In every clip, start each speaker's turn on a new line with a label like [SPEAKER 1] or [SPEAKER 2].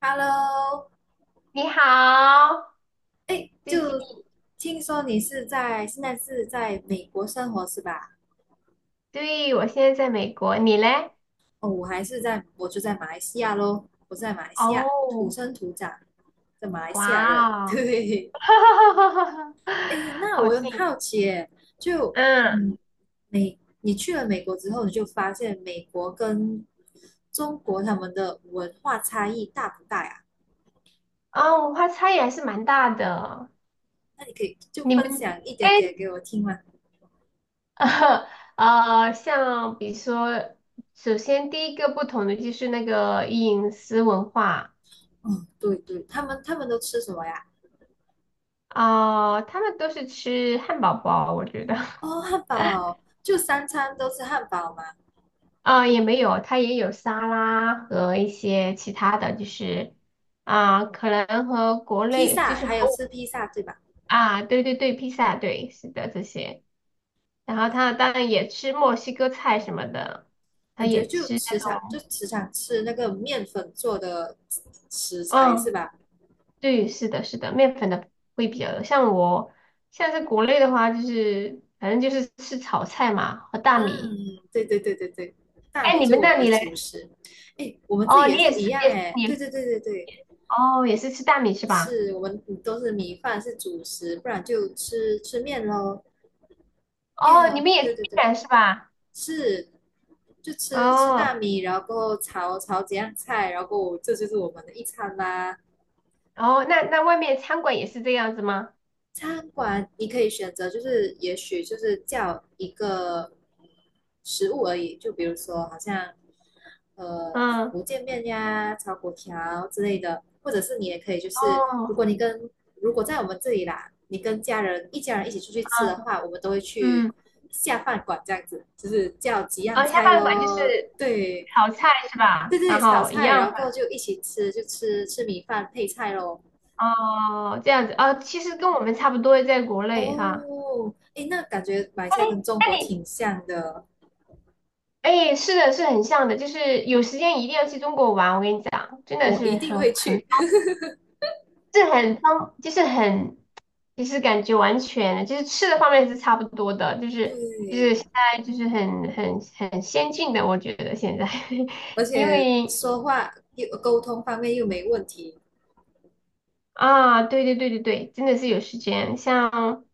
[SPEAKER 1] Hello，
[SPEAKER 2] 你好，
[SPEAKER 1] 哎，
[SPEAKER 2] 最近，
[SPEAKER 1] 就听说你现在是在美国生活是吧？
[SPEAKER 2] 对，我现在在美国，你嘞？
[SPEAKER 1] 哦，我就在马来西亚咯，我是在马来西亚土
[SPEAKER 2] 哦，
[SPEAKER 1] 生土长的马来西亚人。
[SPEAKER 2] 哇哦，
[SPEAKER 1] 对，哎，那
[SPEAKER 2] 好
[SPEAKER 1] 我很
[SPEAKER 2] 近，
[SPEAKER 1] 好奇耶，就
[SPEAKER 2] 嗯，
[SPEAKER 1] 嗯，你去了美国之后，你就发现美国跟中国他们的文化差异大不大呀？
[SPEAKER 2] 啊，文化差异还是蛮大的。
[SPEAKER 1] 那你可以就
[SPEAKER 2] 你们，
[SPEAKER 1] 分享一
[SPEAKER 2] 哎，
[SPEAKER 1] 点点给我听吗？
[SPEAKER 2] 像比如说，首先第一个不同的就是那个饮食文化，
[SPEAKER 1] 嗯，对对，他们都吃什么呀？
[SPEAKER 2] 啊、他们都是吃汉堡包，我觉得。
[SPEAKER 1] 哦，汉堡就三餐都吃汉堡嘛，
[SPEAKER 2] 啊、也没有，它也有沙拉和一些其他的，就是啊、可能和国
[SPEAKER 1] 披
[SPEAKER 2] 内就
[SPEAKER 1] 萨
[SPEAKER 2] 是
[SPEAKER 1] 还有
[SPEAKER 2] 和我
[SPEAKER 1] 吃披萨对吧？
[SPEAKER 2] 啊，对对对，披萨，对，是的，这些。然后他当然也吃墨西哥菜什么的，他
[SPEAKER 1] 感觉
[SPEAKER 2] 也
[SPEAKER 1] 就
[SPEAKER 2] 吃，
[SPEAKER 1] 时常就时常吃那个面粉做的食材是
[SPEAKER 2] 嗯，
[SPEAKER 1] 吧？
[SPEAKER 2] 对，是的，是的，面粉的会比较多。像我，像是国内的话，就是反正就是吃炒菜嘛和大米。
[SPEAKER 1] 嗯，对对对对对，大
[SPEAKER 2] 哎，
[SPEAKER 1] 米
[SPEAKER 2] 你
[SPEAKER 1] 就是
[SPEAKER 2] 们
[SPEAKER 1] 我
[SPEAKER 2] 那
[SPEAKER 1] 们的
[SPEAKER 2] 里
[SPEAKER 1] 主
[SPEAKER 2] 嘞？
[SPEAKER 1] 食。哎，我们自己
[SPEAKER 2] 哦，
[SPEAKER 1] 也
[SPEAKER 2] 你也
[SPEAKER 1] 是
[SPEAKER 2] 是，
[SPEAKER 1] 一样
[SPEAKER 2] 也是
[SPEAKER 1] 哎，对
[SPEAKER 2] 你，
[SPEAKER 1] 对对对对，
[SPEAKER 2] 哦，也是吃大米是吧？
[SPEAKER 1] 是我们都是米饭是主食，不然就吃吃面喽。耶，
[SPEAKER 2] 哦，你们也
[SPEAKER 1] 对
[SPEAKER 2] 是
[SPEAKER 1] 对对，
[SPEAKER 2] 面是吧？
[SPEAKER 1] 是就吃吃大
[SPEAKER 2] 哦
[SPEAKER 1] 米，然后过后炒炒几样菜，然后过后这就是我们的一餐啦。
[SPEAKER 2] 哦，那外面餐馆也是这样子吗？
[SPEAKER 1] 餐馆你可以选择，就是也许就是叫一个食物而已，就比如说好像
[SPEAKER 2] 嗯，
[SPEAKER 1] 福建面呀、炒粿条之类的，或者是你也可以就是
[SPEAKER 2] 哦，
[SPEAKER 1] 如果在我们这里啦，你跟一家人一起出去吃的
[SPEAKER 2] 嗯
[SPEAKER 1] 话，我们都会去
[SPEAKER 2] 嗯，
[SPEAKER 1] 下饭馆这样子，就是叫几样
[SPEAKER 2] 哦，下
[SPEAKER 1] 菜
[SPEAKER 2] 饭馆就是
[SPEAKER 1] 咯，对
[SPEAKER 2] 炒菜是
[SPEAKER 1] 对对，在
[SPEAKER 2] 吧？
[SPEAKER 1] 这里
[SPEAKER 2] 然
[SPEAKER 1] 炒
[SPEAKER 2] 后一
[SPEAKER 1] 菜，然
[SPEAKER 2] 样，
[SPEAKER 1] 后过后就一起吃，就吃吃米饭配菜咯。
[SPEAKER 2] 哦，这样子，哦，其实跟我们差不多，在国内哈。
[SPEAKER 1] 哦，诶，那感觉马来
[SPEAKER 2] 哎，
[SPEAKER 1] 西亚跟中
[SPEAKER 2] 那
[SPEAKER 1] 国
[SPEAKER 2] 你，
[SPEAKER 1] 挺像的，
[SPEAKER 2] 哎，是的，是很像的，就是有时间一定要去中国玩，我跟你讲，真的
[SPEAKER 1] 我
[SPEAKER 2] 是
[SPEAKER 1] 一定
[SPEAKER 2] 很
[SPEAKER 1] 会
[SPEAKER 2] 很，
[SPEAKER 1] 去。
[SPEAKER 2] 是很方，就是很其实感觉完全就是吃的方面是差不多的，就是
[SPEAKER 1] 对，
[SPEAKER 2] 现在就是很先进的，我觉得现在，
[SPEAKER 1] 嗯，而
[SPEAKER 2] 因
[SPEAKER 1] 且
[SPEAKER 2] 为
[SPEAKER 1] 说话又沟通方面又没问题，
[SPEAKER 2] 啊，对对对对对，真的是有时间，像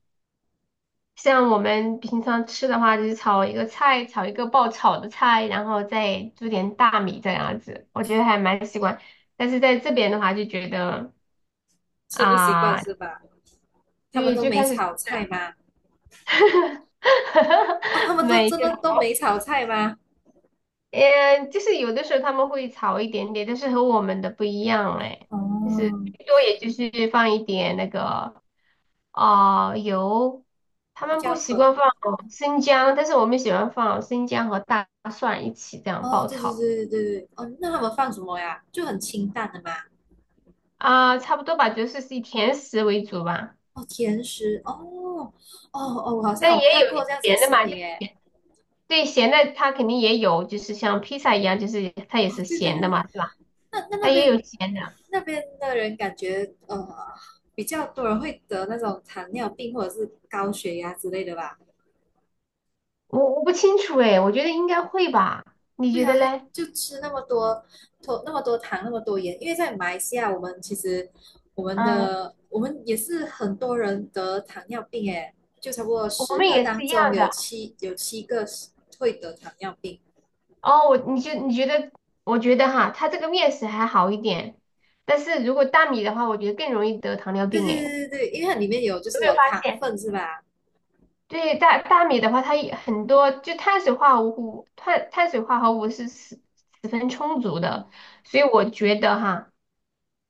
[SPEAKER 2] 我们平常吃的话，就是炒一个菜，炒一个爆炒的菜，然后再煮点大米这样子，我觉得还蛮习惯。但是在这边的话，就觉得
[SPEAKER 1] 吃不习惯
[SPEAKER 2] 啊，
[SPEAKER 1] 是吧？他们
[SPEAKER 2] 对，
[SPEAKER 1] 都
[SPEAKER 2] 就
[SPEAKER 1] 没
[SPEAKER 2] 开始
[SPEAKER 1] 炒菜吗？哦，他 们都
[SPEAKER 2] 没
[SPEAKER 1] 真的
[SPEAKER 2] 有。
[SPEAKER 1] 都没炒菜吗？
[SPEAKER 2] 嗯，就是有的时候他们会炒一点点，但是和我们的不一样哎，就是
[SPEAKER 1] 哦，
[SPEAKER 2] 最多也就是放一点那个啊、油，他
[SPEAKER 1] 胡
[SPEAKER 2] 们不
[SPEAKER 1] 椒
[SPEAKER 2] 习
[SPEAKER 1] 粉。
[SPEAKER 2] 惯放生姜，但是我们喜欢放生姜和大蒜一起这样
[SPEAKER 1] 哦，
[SPEAKER 2] 爆
[SPEAKER 1] 对对
[SPEAKER 2] 炒
[SPEAKER 1] 对对对对，哦，那他们放什么呀？就很清淡的嘛。
[SPEAKER 2] 啊、差不多吧，就是是以甜食为主吧，
[SPEAKER 1] 哦，甜食。哦，哦哦，我好像
[SPEAKER 2] 但
[SPEAKER 1] 有
[SPEAKER 2] 也
[SPEAKER 1] 看
[SPEAKER 2] 有
[SPEAKER 1] 过这样子的
[SPEAKER 2] 咸的
[SPEAKER 1] 视
[SPEAKER 2] 嘛，就是
[SPEAKER 1] 频诶。
[SPEAKER 2] 咸对咸的它肯定也有，就是像披萨一样，就是它也
[SPEAKER 1] 哦，
[SPEAKER 2] 是
[SPEAKER 1] 对对
[SPEAKER 2] 咸的
[SPEAKER 1] 对，
[SPEAKER 2] 嘛，是吧？
[SPEAKER 1] 那那那
[SPEAKER 2] 它也
[SPEAKER 1] 边
[SPEAKER 2] 有咸的，
[SPEAKER 1] 那边的人感觉比较多人会得那种糖尿病或者是高血压之类的吧？
[SPEAKER 2] 我不清楚哎，我觉得应该会吧，你
[SPEAKER 1] 对
[SPEAKER 2] 觉得
[SPEAKER 1] 啊，
[SPEAKER 2] 嘞？
[SPEAKER 1] 就吃那么多糖那么多盐，因为在马来西亚我们其实我们
[SPEAKER 2] 嗯，
[SPEAKER 1] 的我们也是很多人得糖尿病诶，就差不多
[SPEAKER 2] 我
[SPEAKER 1] 十
[SPEAKER 2] 们
[SPEAKER 1] 个
[SPEAKER 2] 也是
[SPEAKER 1] 当
[SPEAKER 2] 一样
[SPEAKER 1] 中有
[SPEAKER 2] 的。
[SPEAKER 1] 七有七个是会得糖尿病。
[SPEAKER 2] 哦，我你就你觉得，我觉得哈，它这个面食还好一点，但是如果大米的话，我觉得更容易得糖尿
[SPEAKER 1] 对
[SPEAKER 2] 病。
[SPEAKER 1] 对
[SPEAKER 2] 哎，有
[SPEAKER 1] 对对对，因为它里面有就
[SPEAKER 2] 没
[SPEAKER 1] 是有
[SPEAKER 2] 有发
[SPEAKER 1] 糖
[SPEAKER 2] 现？
[SPEAKER 1] 分是吧？
[SPEAKER 2] 对，大米的话，它也很多就碳水化合物，碳水化合物是十分充足的，所以我觉得哈，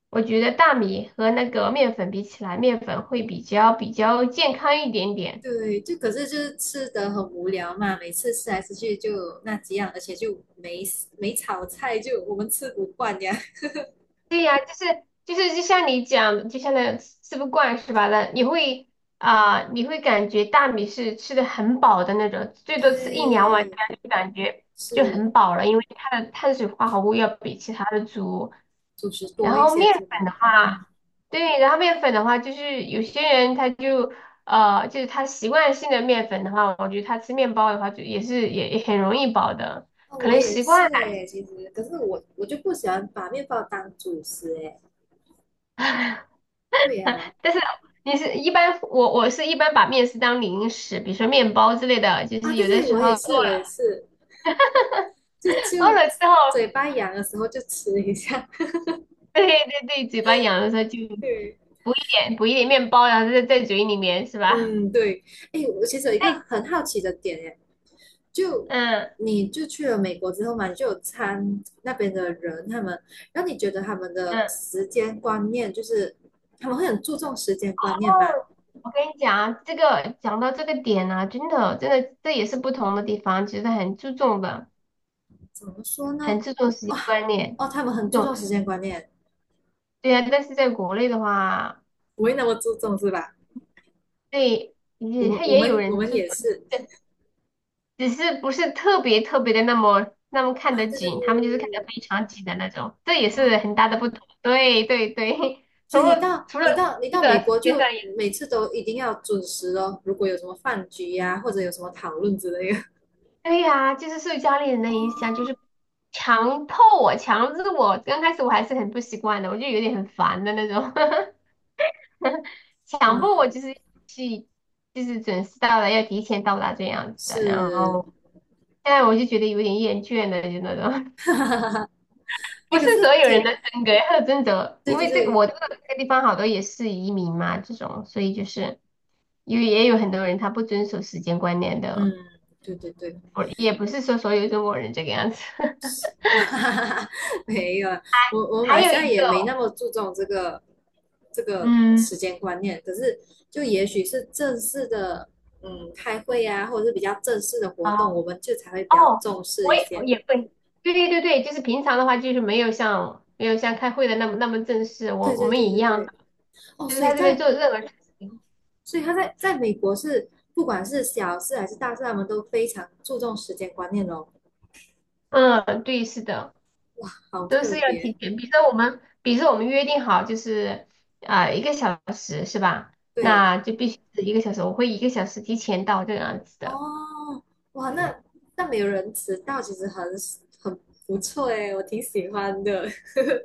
[SPEAKER 2] 我觉得大米和那个面粉比起来，面粉会比较健康一点点。
[SPEAKER 1] 对，就可是就是吃的很无聊嘛，每次吃来吃去就那几样，而且就没炒菜，就我们吃不惯呀。
[SPEAKER 2] 对呀，就是就像你讲的，就像那吃不惯是吧？那你会啊、你会感觉大米是吃的很饱的那种，最多吃一两碗，这
[SPEAKER 1] 对，
[SPEAKER 2] 样就感觉就
[SPEAKER 1] 是
[SPEAKER 2] 很饱了，因为它的碳水化合物要比其他的足。
[SPEAKER 1] 主食
[SPEAKER 2] 然
[SPEAKER 1] 多一
[SPEAKER 2] 后
[SPEAKER 1] 些
[SPEAKER 2] 面
[SPEAKER 1] 是
[SPEAKER 2] 粉
[SPEAKER 1] 吧？
[SPEAKER 2] 的
[SPEAKER 1] 嗯，
[SPEAKER 2] 话，对，然后面粉的话，就是有些人他就就是他习惯性的面粉的话，我觉得他吃面包的话，就也是也很容易饱的，
[SPEAKER 1] 那
[SPEAKER 2] 可
[SPEAKER 1] 我
[SPEAKER 2] 能
[SPEAKER 1] 也
[SPEAKER 2] 习
[SPEAKER 1] 是
[SPEAKER 2] 惯。
[SPEAKER 1] 诶，其实可是我就不喜欢把面包当主食诶。对呀、
[SPEAKER 2] 但是你是一般，我是一般把面食当零食，比如说面包之类的，就
[SPEAKER 1] 啊
[SPEAKER 2] 是
[SPEAKER 1] 对
[SPEAKER 2] 有的
[SPEAKER 1] 对，
[SPEAKER 2] 时
[SPEAKER 1] 我
[SPEAKER 2] 候
[SPEAKER 1] 也
[SPEAKER 2] 饿
[SPEAKER 1] 是我也是，就
[SPEAKER 2] 饿
[SPEAKER 1] 就
[SPEAKER 2] 了之后，
[SPEAKER 1] 嘴巴痒的时候就吃一下。
[SPEAKER 2] 对对对，嘴巴痒的时候就
[SPEAKER 1] 对，
[SPEAKER 2] 补一点补一点面包，然后在嘴里面是吧？
[SPEAKER 1] 嗯对，哎我其实有一个很好奇的点诶，就
[SPEAKER 2] 嗯
[SPEAKER 1] 你就去了美国之后嘛，你就那边的人，他们让你觉得他们的
[SPEAKER 2] 嗯。
[SPEAKER 1] 时间观念就是他们会很注重时间观念吗？
[SPEAKER 2] 哦，我跟你讲啊，这个讲到这个点呢、真的真的这也是不同的地方，其实很注重的，
[SPEAKER 1] 怎么说
[SPEAKER 2] 很
[SPEAKER 1] 呢？
[SPEAKER 2] 注重时
[SPEAKER 1] 哦
[SPEAKER 2] 间观念，
[SPEAKER 1] 哦，他们
[SPEAKER 2] 这
[SPEAKER 1] 很注
[SPEAKER 2] 种
[SPEAKER 1] 重时间观念，
[SPEAKER 2] 对啊，但是在国内的话，
[SPEAKER 1] 不会那么注重是吧？
[SPEAKER 2] 对
[SPEAKER 1] 我
[SPEAKER 2] 也
[SPEAKER 1] 们
[SPEAKER 2] 他
[SPEAKER 1] 我
[SPEAKER 2] 也有
[SPEAKER 1] 们我
[SPEAKER 2] 人
[SPEAKER 1] 们
[SPEAKER 2] 注
[SPEAKER 1] 也
[SPEAKER 2] 重。
[SPEAKER 1] 是
[SPEAKER 2] 只是不是特别特别的那么那么看
[SPEAKER 1] 啊，
[SPEAKER 2] 得
[SPEAKER 1] 对对对对
[SPEAKER 2] 紧，他们就是看得
[SPEAKER 1] 对对，
[SPEAKER 2] 非常紧的那种，这也
[SPEAKER 1] 哦，
[SPEAKER 2] 是很大的不同。对对对，除
[SPEAKER 1] 所以你
[SPEAKER 2] 了
[SPEAKER 1] 到
[SPEAKER 2] 除了
[SPEAKER 1] 你到你
[SPEAKER 2] 吃
[SPEAKER 1] 到美
[SPEAKER 2] 的时
[SPEAKER 1] 国就
[SPEAKER 2] 间上也，
[SPEAKER 1] 每次都一定要准时哦，如果有什么饭局呀、或者有什么讨论之类的，
[SPEAKER 2] 对呀、就是受家里人的影响，就是强迫我、强制我。刚开始我还是很不习惯的，我就有点很烦的那种，强
[SPEAKER 1] 哇，
[SPEAKER 2] 迫我就是去就是准时到了，要提前到达这样子的。然
[SPEAKER 1] 是，
[SPEAKER 2] 后现在我就觉得有点厌倦了，就那种。
[SPEAKER 1] 哎，
[SPEAKER 2] 不是
[SPEAKER 1] 可是
[SPEAKER 2] 所有人
[SPEAKER 1] 挺
[SPEAKER 2] 的真格要真的，
[SPEAKER 1] 对
[SPEAKER 2] 因
[SPEAKER 1] 对
[SPEAKER 2] 为这个
[SPEAKER 1] 对，
[SPEAKER 2] 我这个地方好多也是移民嘛，这种，所以就是因为也有很多人他不遵守时间观念的，
[SPEAKER 1] 嗯，对对对，
[SPEAKER 2] 我也不是说所有中国人这个样子。
[SPEAKER 1] 没有，我马
[SPEAKER 2] 还
[SPEAKER 1] 来
[SPEAKER 2] 有
[SPEAKER 1] 西亚
[SPEAKER 2] 一
[SPEAKER 1] 也
[SPEAKER 2] 个，
[SPEAKER 1] 没那么注重这个
[SPEAKER 2] 嗯，
[SPEAKER 1] 时间观念，可是就也许是正式的，嗯，开会啊，或者是比较正式的活
[SPEAKER 2] 啊，
[SPEAKER 1] 动，我们就才会比较
[SPEAKER 2] 哦，
[SPEAKER 1] 重
[SPEAKER 2] 我
[SPEAKER 1] 视一
[SPEAKER 2] 也我
[SPEAKER 1] 些。
[SPEAKER 2] 也会，对对对对，就是平常的话就是没有像开会的那么那么正式，我
[SPEAKER 1] 对
[SPEAKER 2] 我
[SPEAKER 1] 对
[SPEAKER 2] 们
[SPEAKER 1] 对
[SPEAKER 2] 也一
[SPEAKER 1] 对
[SPEAKER 2] 样
[SPEAKER 1] 对，
[SPEAKER 2] 的，
[SPEAKER 1] 哦，
[SPEAKER 2] 但是
[SPEAKER 1] 所以
[SPEAKER 2] 他这边
[SPEAKER 1] 在
[SPEAKER 2] 做任何事情，
[SPEAKER 1] 所以他在在美国是不管是小事还是大事，他们都非常注重时间观念哦，
[SPEAKER 2] 嗯，对，是的。
[SPEAKER 1] 好
[SPEAKER 2] 都
[SPEAKER 1] 特
[SPEAKER 2] 是要
[SPEAKER 1] 别。
[SPEAKER 2] 提前。比如说我们，比如说我们约定好就是啊、一个小时是吧？
[SPEAKER 1] 对，
[SPEAKER 2] 那就必须是一个小时，我会一个小时提前到这样子的。
[SPEAKER 1] 哦，哇，那没有人迟到，其实很不错诶，我挺喜欢的。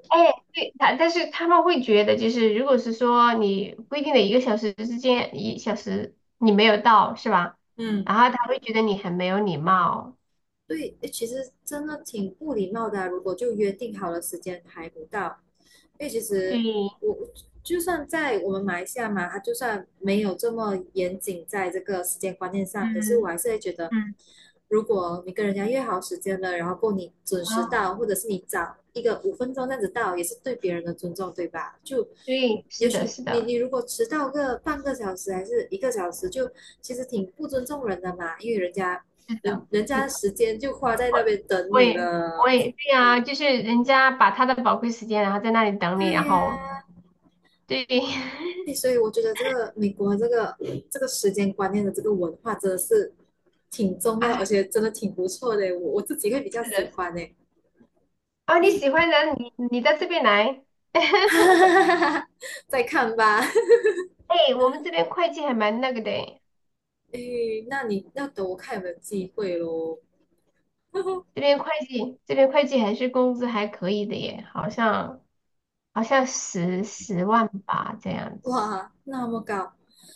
[SPEAKER 2] 哎，对，但是他们会觉得，就是如果是说你规定的一个小时之间，一小时你没有到是吧？
[SPEAKER 1] 嗯。
[SPEAKER 2] 然后他会觉得你很没有礼貌。
[SPEAKER 1] 对，诶其实真的挺不礼貌的啊如果就约定好了时间排不到，因为其实
[SPEAKER 2] 对，
[SPEAKER 1] 我就算在我们马来西亚嘛，它就算没有这么严谨在这个时间观念上，可是我
[SPEAKER 2] 嗯
[SPEAKER 1] 还是会觉得，
[SPEAKER 2] 嗯，
[SPEAKER 1] 如果你跟人家约好时间了，然后够你准时
[SPEAKER 2] 啊，
[SPEAKER 1] 到，或者是你早一个5分钟这样子到，也是对别人的尊重，对吧？就
[SPEAKER 2] 对，
[SPEAKER 1] 也
[SPEAKER 2] 是的，
[SPEAKER 1] 许
[SPEAKER 2] 是
[SPEAKER 1] 你
[SPEAKER 2] 的，
[SPEAKER 1] 你如果迟到个半个小时还是1个小时，就其实挺不尊重人的嘛，因为人家
[SPEAKER 2] 是
[SPEAKER 1] 人
[SPEAKER 2] 的。
[SPEAKER 1] 人
[SPEAKER 2] 是
[SPEAKER 1] 家
[SPEAKER 2] 的
[SPEAKER 1] 时间就花在那
[SPEAKER 2] 我
[SPEAKER 1] 边等
[SPEAKER 2] 我
[SPEAKER 1] 你
[SPEAKER 2] 也我
[SPEAKER 1] 了。
[SPEAKER 2] 也对呀，就是人家把他的宝贵时间，然后在那里等你，
[SPEAKER 1] 对
[SPEAKER 2] 然后
[SPEAKER 1] 呀、
[SPEAKER 2] 对，
[SPEAKER 1] 啊所以我觉得这个美国这个时间观念的这个文化真的是挺重要，而
[SPEAKER 2] 哎，
[SPEAKER 1] 且真的挺不错的。我自己会比较
[SPEAKER 2] 是
[SPEAKER 1] 喜
[SPEAKER 2] 的，
[SPEAKER 1] 欢诶，
[SPEAKER 2] 啊，你
[SPEAKER 1] 哎，
[SPEAKER 2] 喜欢的，你到这边来，
[SPEAKER 1] 哈哈 哈哈哈，再看吧。
[SPEAKER 2] 哎，我们这边会计还蛮那个的诶
[SPEAKER 1] 哎，那你要等我看有没有机会喽。
[SPEAKER 2] 这边会计还是工资还可以的耶，好像十万吧这样 子，
[SPEAKER 1] 哇，那么高，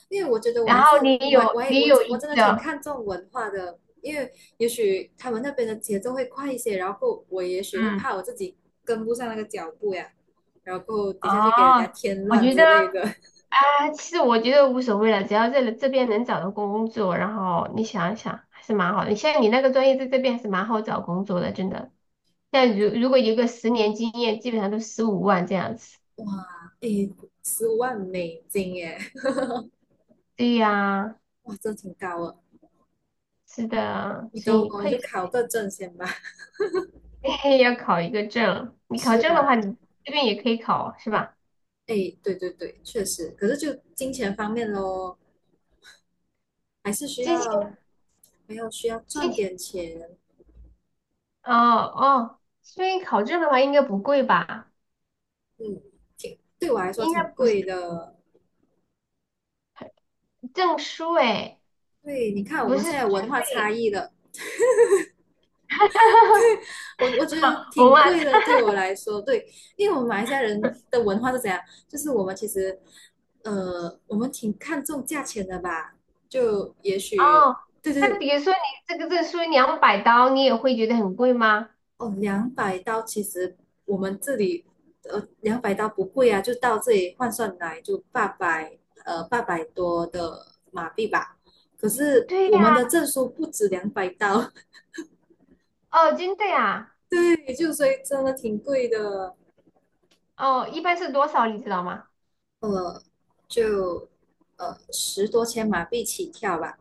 [SPEAKER 1] 因为我觉得我
[SPEAKER 2] 然
[SPEAKER 1] 还
[SPEAKER 2] 后
[SPEAKER 1] 是
[SPEAKER 2] 你
[SPEAKER 1] 我还我
[SPEAKER 2] 有
[SPEAKER 1] 还
[SPEAKER 2] 你
[SPEAKER 1] 我
[SPEAKER 2] 有
[SPEAKER 1] 真我
[SPEAKER 2] 一
[SPEAKER 1] 真的挺
[SPEAKER 2] 个，
[SPEAKER 1] 看重文化的，因为也许他们那边的节奏会快一些，然后我也许会
[SPEAKER 2] 嗯，
[SPEAKER 1] 怕我自己跟不上那个脚步呀，然后等下去给人家
[SPEAKER 2] 哦，
[SPEAKER 1] 添
[SPEAKER 2] 我
[SPEAKER 1] 乱
[SPEAKER 2] 觉得。
[SPEAKER 1] 之类的。
[SPEAKER 2] 啊，其实我觉得无所谓了，只要这边能找到工作，然后你想一想，还是蛮好的。你像你那个专业在这边还是蛮好找工作的，真的。像如果有个10年经验，基本上都15万这样子。
[SPEAKER 1] 哇，诶，15万美金耶，
[SPEAKER 2] 对呀，
[SPEAKER 1] 哇，这挺高了。
[SPEAKER 2] 是的，
[SPEAKER 1] 你
[SPEAKER 2] 所
[SPEAKER 1] 等
[SPEAKER 2] 以
[SPEAKER 1] 我
[SPEAKER 2] 会
[SPEAKER 1] 就 考个证先吧。
[SPEAKER 2] 计要考一个证。你考
[SPEAKER 1] 是
[SPEAKER 2] 证的话，
[SPEAKER 1] 啊，
[SPEAKER 2] 你这边也可以考，是吧？
[SPEAKER 1] 诶，对对对，确实，可是就金钱方面咯，还是需
[SPEAKER 2] 今天
[SPEAKER 1] 要还要需要
[SPEAKER 2] 今
[SPEAKER 1] 赚
[SPEAKER 2] 天
[SPEAKER 1] 点钱，
[SPEAKER 2] 哦哦，所以考证的话应该不贵吧？
[SPEAKER 1] 嗯，对我来说
[SPEAKER 2] 应该
[SPEAKER 1] 挺
[SPEAKER 2] 不是
[SPEAKER 1] 贵的。
[SPEAKER 2] 证书诶，
[SPEAKER 1] 对，你看我
[SPEAKER 2] 不是
[SPEAKER 1] 们现在文
[SPEAKER 2] 学
[SPEAKER 1] 化差
[SPEAKER 2] 费。
[SPEAKER 1] 异了，我觉得
[SPEAKER 2] 我
[SPEAKER 1] 挺
[SPEAKER 2] 们
[SPEAKER 1] 贵的，对我来说，对，因为我们马来西亚人的文化是怎样？就是我们其实，我们挺看重价钱的吧？就也许，
[SPEAKER 2] 哦，
[SPEAKER 1] 对对
[SPEAKER 2] 那
[SPEAKER 1] 对，
[SPEAKER 2] 比如说你这个证书$200，你也会觉得很贵吗？
[SPEAKER 1] 哦，两百刀，其实我们这里，两百刀不贵啊，就到这里换算来就八百，800多的马币吧。可是
[SPEAKER 2] 对
[SPEAKER 1] 我
[SPEAKER 2] 呀，
[SPEAKER 1] 们的证书不止两百刀，
[SPEAKER 2] 哦，真的呀，
[SPEAKER 1] 对，就所以真的挺贵的，
[SPEAKER 2] 哦，一般是多少你知道吗？
[SPEAKER 1] 呃，就10多千马币起跳吧。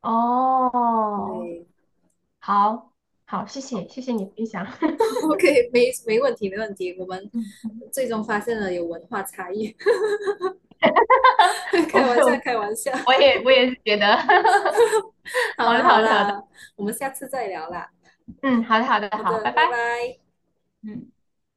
[SPEAKER 2] 哦，
[SPEAKER 1] 对
[SPEAKER 2] 好，好，谢谢，谢谢你分享。
[SPEAKER 1] ，OK，没问题，没问题。我们
[SPEAKER 2] 嗯
[SPEAKER 1] 最终发现了有文化差异，开玩笑，开
[SPEAKER 2] 我
[SPEAKER 1] 玩笑。
[SPEAKER 2] 我也是觉得，
[SPEAKER 1] 好
[SPEAKER 2] 好
[SPEAKER 1] 啦
[SPEAKER 2] 的
[SPEAKER 1] 好
[SPEAKER 2] 好的好的，
[SPEAKER 1] 啦，我们下次再聊啦。
[SPEAKER 2] 嗯，好的好的
[SPEAKER 1] 好
[SPEAKER 2] 好，
[SPEAKER 1] 的，
[SPEAKER 2] 拜
[SPEAKER 1] 拜
[SPEAKER 2] 拜。
[SPEAKER 1] 拜。
[SPEAKER 2] 嗯。